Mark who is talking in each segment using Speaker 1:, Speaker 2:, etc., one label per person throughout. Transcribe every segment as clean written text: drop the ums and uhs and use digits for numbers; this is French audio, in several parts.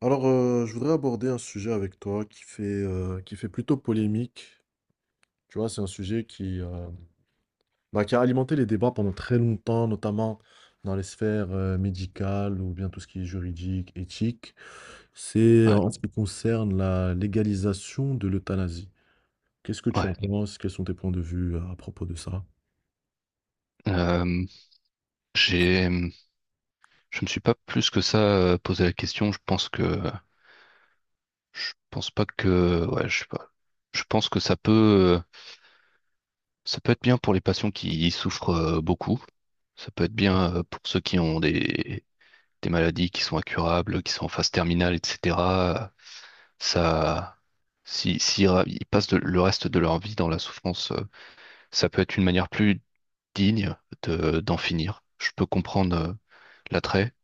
Speaker 1: Alors, je voudrais aborder un sujet avec toi qui fait plutôt polémique. Tu vois, c'est un sujet qui, qui a alimenté les débats pendant très longtemps, notamment dans les sphères, médicales ou bien tout ce qui est juridique, éthique. C'est
Speaker 2: Ouais,
Speaker 1: en ce qui concerne la légalisation de l'euthanasie. Qu'est-ce que tu en
Speaker 2: ouais.
Speaker 1: penses? Quels sont tes points de vue à propos de ça?
Speaker 2: Euh, j'ai, hum, je me suis pas plus que ça posé la question. Je pense pas que, ouais, je sais pas. Je pense que euh, ça peut être bien pour les patients qui souffrent beaucoup. Ça peut être bien pour ceux qui ont des maladies qui sont incurables, qui sont en phase terminale, etc. Ça, si ra- ils passent le reste de leur vie dans la souffrance, ça peut être une manière plus digne d'en finir. Je peux comprendre l'attrait.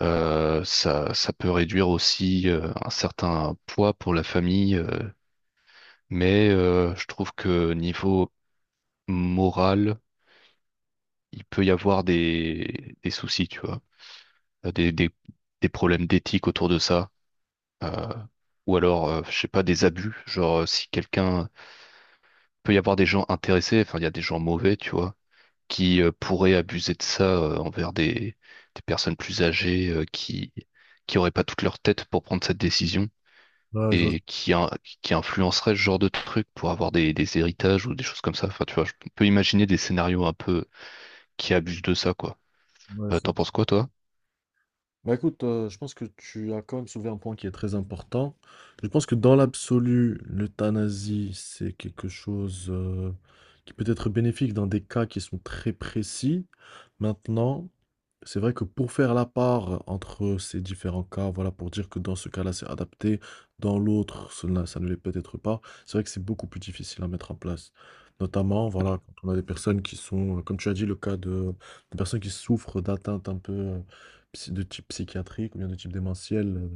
Speaker 2: Ça peut réduire aussi un certain poids pour la famille, mais je trouve que niveau moral, il peut y avoir des soucis, tu vois. Euh, des, des, des problèmes d'éthique autour de ça, euh, ou alors, je sais pas, des abus, genre si quelqu'un peut y avoir des gens intéressés, enfin il y a des gens mauvais, tu vois, qui pourraient abuser de ça envers des personnes plus âgées qui auraient pas toute leur tête pour prendre cette décision.
Speaker 1: Ouais,
Speaker 2: Et qui influencerait ce genre de truc pour avoir des héritages ou des choses comme ça. Enfin, tu vois, je peux imaginer des scénarios un peu qui abusent de ça, quoi.
Speaker 1: ouais.
Speaker 2: T'en penses quoi, toi?
Speaker 1: Bah écoute, je pense que tu as quand même soulevé un point qui est très important. Je pense que dans l'absolu, l'euthanasie, c'est quelque chose, qui peut être bénéfique dans des cas qui sont très précis. Maintenant, c'est vrai que pour faire la part entre ces différents cas, voilà, pour dire que dans ce cas-là, c'est adapté, dans l'autre, cela ça ne l'est peut-être pas, c'est vrai que c'est beaucoup plus difficile à mettre en place. Notamment, voilà, quand on a des personnes qui sont, comme tu as dit, le cas de personnes qui souffrent d'atteintes un peu, de type psychiatrique ou bien de type démentiel, euh,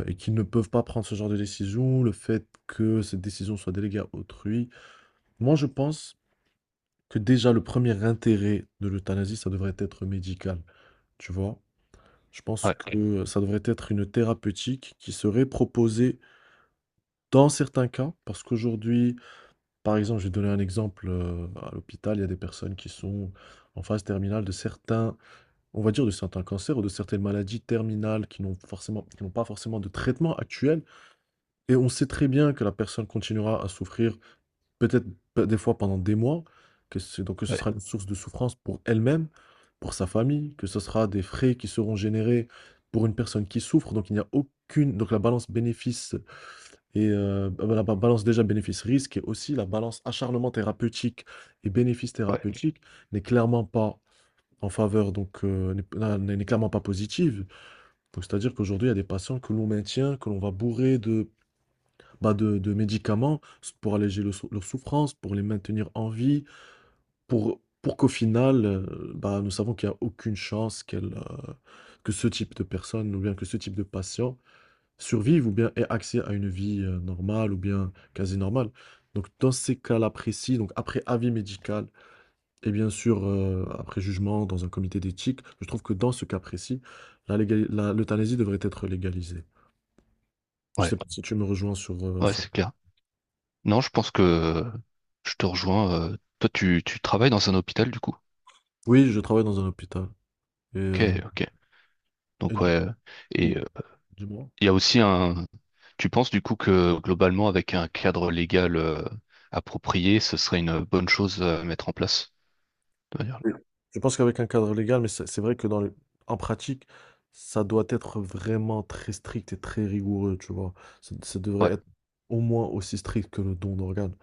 Speaker 1: euh, et qui ne peuvent pas prendre ce genre de décision, le fait que cette décision soit déléguée à autrui. Moi, je pense que déjà le premier intérêt de l'euthanasie, ça devrait être médical, tu vois. Je pense
Speaker 2: Ouais,
Speaker 1: Oui, que ça devrait être une thérapeutique qui serait proposée dans certains cas, parce qu'aujourd'hui, par exemple, je vais donner un exemple, à l'hôpital, il y a des personnes qui sont en phase terminale de certains on va dire de certains cancers ou de certaines maladies terminales qui n'ont pas forcément de traitement actuel. Et on sait très bien que la personne continuera à souffrir, peut-être des fois pendant des mois, donc que ce
Speaker 2: ouais,
Speaker 1: sera une source de souffrance pour elle-même, pour sa famille, que ce sera des frais qui seront générés pour une personne qui souffre. Donc il n'y a aucune, donc la balance bénéfice et balance déjà bénéfice-risque et aussi la balance acharnement thérapeutique et bénéfice
Speaker 2: ouais,
Speaker 1: thérapeutique n'est clairement pas en faveur, donc n'est clairement pas positive. Donc, c'est-à-dire qu'aujourd'hui, il y a des patients que l'on maintient, que l'on va bourrer de médicaments pour alléger leur souffrance, pour les maintenir en vie, pour qu'au final, nous savons qu'il n'y a aucune chance que ce type de personne ou bien que ce type de patient survive ou bien ait accès à une vie normale ou bien quasi normale. Donc, dans ces cas-là précis, donc après avis médical, et bien sûr, après jugement dans un comité d'éthique, je trouve que dans ce cas précis, la légali la l'euthanasie devrait être légalisée. Je sais
Speaker 2: ouais,
Speaker 1: pas si tu me rejoins sur,
Speaker 2: ouais,
Speaker 1: sur.
Speaker 2: c'est clair. Non, je pense que je te rejoins. Toi, tu travailles dans un hôpital, du coup.
Speaker 1: Oui, je travaille dans un hôpital et
Speaker 2: Ok,
Speaker 1: heu
Speaker 2: ok.
Speaker 1: et
Speaker 2: Donc, ouais.
Speaker 1: du oui,
Speaker 2: Et euh,
Speaker 1: dis-moi?
Speaker 2: il y a aussi un. Tu penses, du coup, que globalement, avec un cadre légal approprié, ce serait une bonne chose à mettre en place, de manière-
Speaker 1: Je pense qu'avec un cadre légal, mais c'est vrai que dans le en pratique, ça doit être vraiment très strict et très rigoureux, tu vois? Ça devrait
Speaker 2: Ouais,
Speaker 1: être au moins aussi strict que le don d'organes.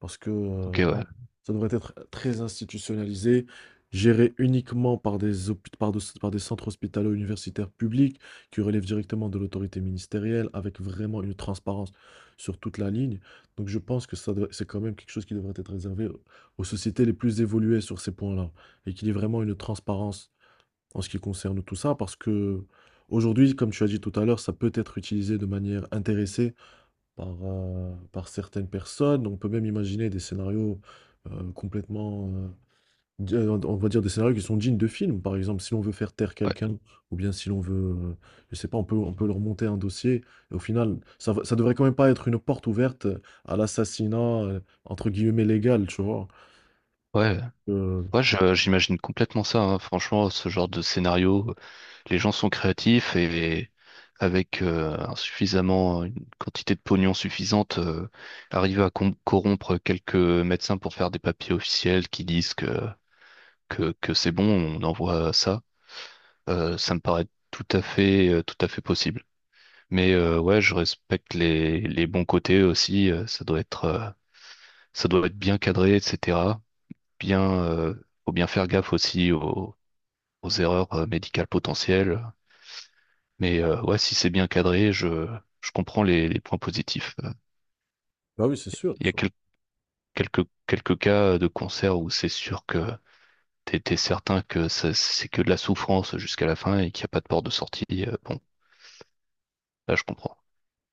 Speaker 1: Parce que
Speaker 2: ok, ouais,
Speaker 1: ça devrait être très institutionnalisé, géré uniquement par des, hôpi- par de- par des centres hospitalo-universitaires publics qui relèvent directement de l'autorité ministérielle, avec vraiment une transparence sur toute la ligne. Donc je pense que c'est quand même quelque chose qui devrait être réservé aux sociétés les plus évoluées sur ces points-là, et qu'il y ait vraiment une transparence en ce qui concerne tout ça, parce que aujourd'hui, comme tu as dit tout à l'heure, ça peut être utilisé de manière intéressée par, par certaines personnes. On peut même imaginer des scénarios euh, complètement, euh, on va dire des scénarios qui sont dignes de films. Par exemple, si l'on veut faire taire
Speaker 2: ouais.
Speaker 1: quelqu'un, ou bien si l'on veut, euh, je sais pas, on peut leur monter un dossier. Et au final, ça devrait quand même pas être une porte ouverte à l'assassinat, entre guillemets, légal, tu vois.
Speaker 2: Ouais,
Speaker 1: Euh,
Speaker 2: ouais, j'imagine complètement ça, hein. Franchement, ce genre de scénario, les gens sont créatifs et avec une quantité de pognon suffisante, arriver à corrompre quelques médecins pour faire des papiers officiels qui disent que c'est bon, on envoie ça. Ça me paraît tout à fait possible. Mais ouais, je respecte les bons côtés aussi. Ça doit être bien cadré, etc. Bien, faut bien faire gaffe aussi aux erreurs médicales potentielles. Mais ouais, si c'est bien cadré, je comprends les points positifs.
Speaker 1: bah oui, c'est sûr.
Speaker 2: Il y a
Speaker 1: Faut.
Speaker 2: quel- Quelques, quelques cas de cancer où c'est sûr que t'es certain que c'est que de la souffrance jusqu'à la fin et qu'il n'y a pas de porte de sortie. Bon, là je comprends.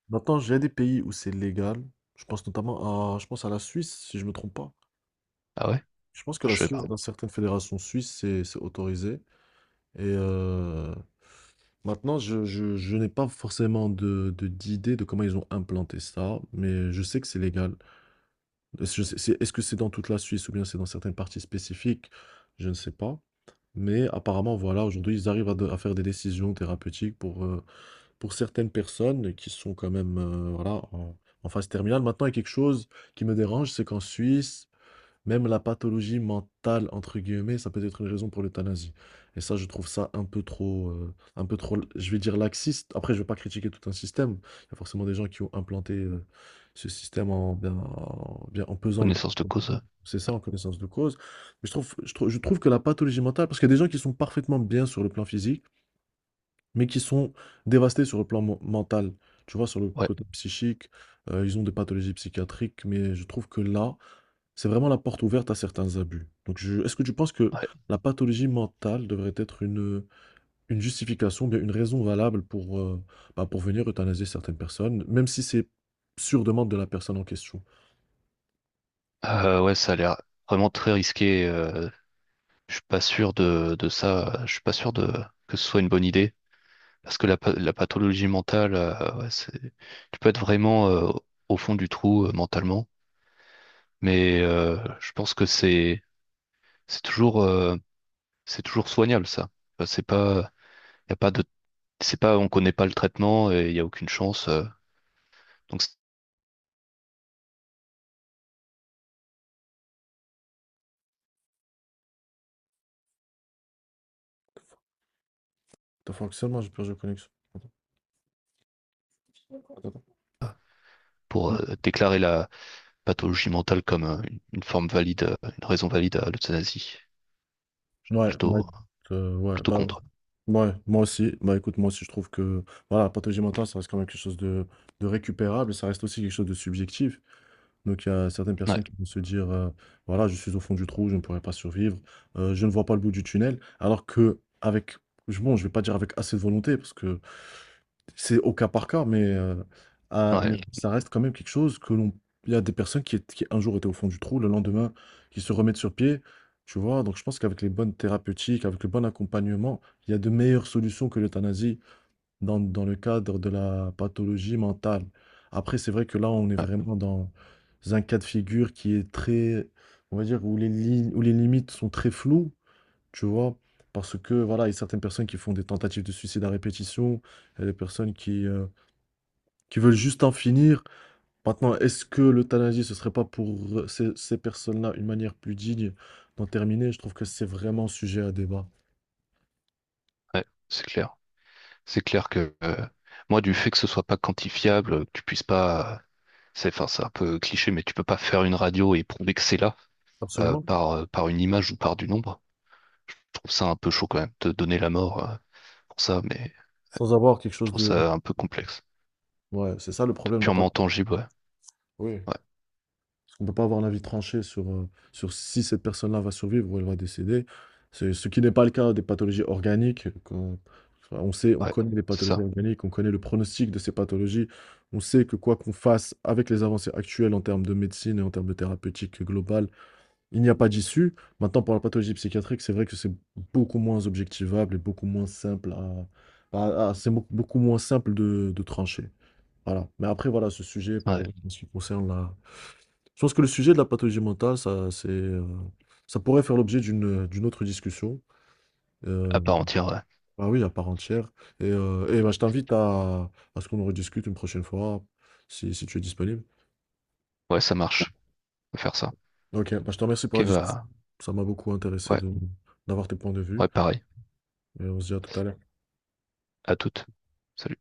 Speaker 1: Maintenant, j'ai des pays où c'est légal. Je pense notamment je pense à la Suisse, si je me trompe pas.
Speaker 2: Ah ouais?
Speaker 1: Je pense que
Speaker 2: Ah,
Speaker 1: la
Speaker 2: je sais
Speaker 1: Suisse,
Speaker 2: pas.
Speaker 1: dans certaines fédérations suisses, c'est autorisé. Et maintenant, je n'ai pas forcément d'idée de comment ils ont implanté ça, mais je sais que c'est légal. Est-ce que c'est dans toute la Suisse ou bien c'est dans certaines parties spécifiques? Je ne sais pas. Mais apparemment, voilà, aujourd'hui, ils arrivent à faire des décisions thérapeutiques pour certaines personnes qui sont quand même voilà, en phase terminale. Maintenant, il y a quelque chose qui me dérange, c'est qu'en Suisse, même la pathologie «mentale» entre guillemets, ça peut être une raison pour l'euthanasie, et ça, je trouve ça un peu trop, un peu trop, je vais dire, laxiste. Après, je ne vais pas critiquer tout un système. Il y a forcément des gens qui ont implanté, ce système en pesant le.
Speaker 2: Connaissance de cause.
Speaker 1: C'est ça, en connaissance de cause. Mais je trouve que la pathologie mentale, parce qu'il y a des gens qui sont parfaitement bien sur le plan physique, mais qui sont dévastés sur le plan mental. Tu vois? Sur le
Speaker 2: Ouais,
Speaker 1: côté psychique, ils ont des pathologies psychiatriques, mais je trouve que là, c'est vraiment la porte ouverte à certains abus. Donc je est-ce que tu penses que
Speaker 2: ouais.
Speaker 1: la pathologie mentale devrait être une justification, bien une raison valable pour, pour venir euthanasier certaines personnes, même si c'est sur demande de la personne en question?
Speaker 2: Ouais, ça a l'air vraiment très risqué. Je suis pas sûr de ça. Je suis pas sûr de que ce soit une bonne idée. Parce que la pathologie mentale, ouais, c'est, tu peux être vraiment au fond du trou mentalement, mais je pense que c'est toujours euh, c'est toujours soignable ça. Enfin, C'est pas y a pas de c'est pas on connaît pas le traitement et il y a aucune chance. Donc c'est
Speaker 1: Ton fonctionnement, j'ai perdu la connexion. Attends.
Speaker 2: pour
Speaker 1: Non.
Speaker 2: déclarer la pathologie mentale comme une forme valide, une raison valide à l'euthanasie,
Speaker 1: Ouais, ouais,
Speaker 2: plutôt
Speaker 1: ouais,
Speaker 2: plutôt contre.
Speaker 1: ouais, moi aussi. Bah, écoute, moi aussi, je trouve que, voilà, la pathologie mentale, ça reste quand même quelque chose de récupérable et ça reste aussi quelque chose de subjectif. Donc il y a certaines
Speaker 2: Ouais,
Speaker 1: personnes qui vont se dire, «Voilà, je suis au fond du trou, je ne pourrai pas survivre, je ne vois pas le bout du tunnel». Alors, je vais pas dire avec assez de volonté parce que c'est au cas par cas, mais
Speaker 2: ouais,
Speaker 1: Oui, ça reste quand même quelque chose que l'on. Il y a des personnes qui étaient, qui un jour étaient au fond du trou, le lendemain qui se remettent sur pied, tu vois? Donc je pense qu'avec les bonnes thérapeutiques, avec le bon accompagnement, il y a de meilleures solutions que l'euthanasie dans, dans le cadre de la pathologie mentale. Après, c'est vrai que là, on est
Speaker 2: ouais,
Speaker 1: vraiment dans un cas de figure qui est très, on va dire, où où les limites sont très floues, tu vois, parce que, voilà, il y a certaines personnes qui font des tentatives de suicide à répétition, il y a des personnes qui veulent juste en finir. Maintenant, est-ce que l'euthanasie, ce serait pas pour ces personnes-là une manière plus digne d'en terminer? Je trouve que c'est vraiment sujet à débat.
Speaker 2: c'est clair. C'est clair que moi du fait que ce soit pas quantifiable, que tu puisses pas enfin, c'est un peu cliché, mais tu peux pas faire une radio et prouver que c'est là
Speaker 1: Absolument.
Speaker 2: par une image ou par du nombre. Je trouve ça un peu chaud quand même, de donner la mort pour ça, mais
Speaker 1: Sans avoir quelque
Speaker 2: je
Speaker 1: chose
Speaker 2: trouve
Speaker 1: de...
Speaker 2: ça un peu complexe.
Speaker 1: Ouais, c'est ça le
Speaker 2: De
Speaker 1: problème de la
Speaker 2: purement
Speaker 1: pathologie.
Speaker 2: tangible, ouais.
Speaker 1: Oui.
Speaker 2: Ouais,
Speaker 1: On ne peut pas avoir l'avis tranché sur, sur si cette personne-là va survivre ou elle va décéder. C'est ce qui n'est pas le cas des pathologies organiques. Enfin, on sait, on
Speaker 2: ouais,
Speaker 1: connaît les
Speaker 2: c'est
Speaker 1: pathologies
Speaker 2: ça.
Speaker 1: organiques, on connaît le pronostic de ces pathologies. On sait que quoi qu'on fasse avec les avancées actuelles en termes de médecine et en termes de thérapeutique globale, il n'y a pas d'issue. Maintenant, pour la pathologie psychiatrique, c'est vrai que c'est beaucoup moins objectivable et beaucoup moins simple à- C'est beaucoup beaucoup moins simple de trancher. Voilà. Mais après, voilà, ce sujet
Speaker 2: Ouais,
Speaker 1: pour en ce qui concerne la je pense que le sujet de la pathologie mentale, ça, c'est, ça pourrait faire l'objet d'une autre discussion.
Speaker 2: à
Speaker 1: Euh,
Speaker 2: part entière, ouais.
Speaker 1: bah oui, à part entière. Et bah, je t'invite à ce qu'on en rediscute une prochaine fois, si tu es disponible.
Speaker 2: Ouais, ça marche. Peut faire ça.
Speaker 1: Ok, bah, je te remercie pour
Speaker 2: Ok,
Speaker 1: la discussion.
Speaker 2: bah,
Speaker 1: Ça m'a beaucoup intéressé
Speaker 2: ouais,
Speaker 1: d'avoir tes points de
Speaker 2: ouais,
Speaker 1: vue.
Speaker 2: pareil.
Speaker 1: Et on se dit à tout à l'heure.
Speaker 2: À toutes. Salut.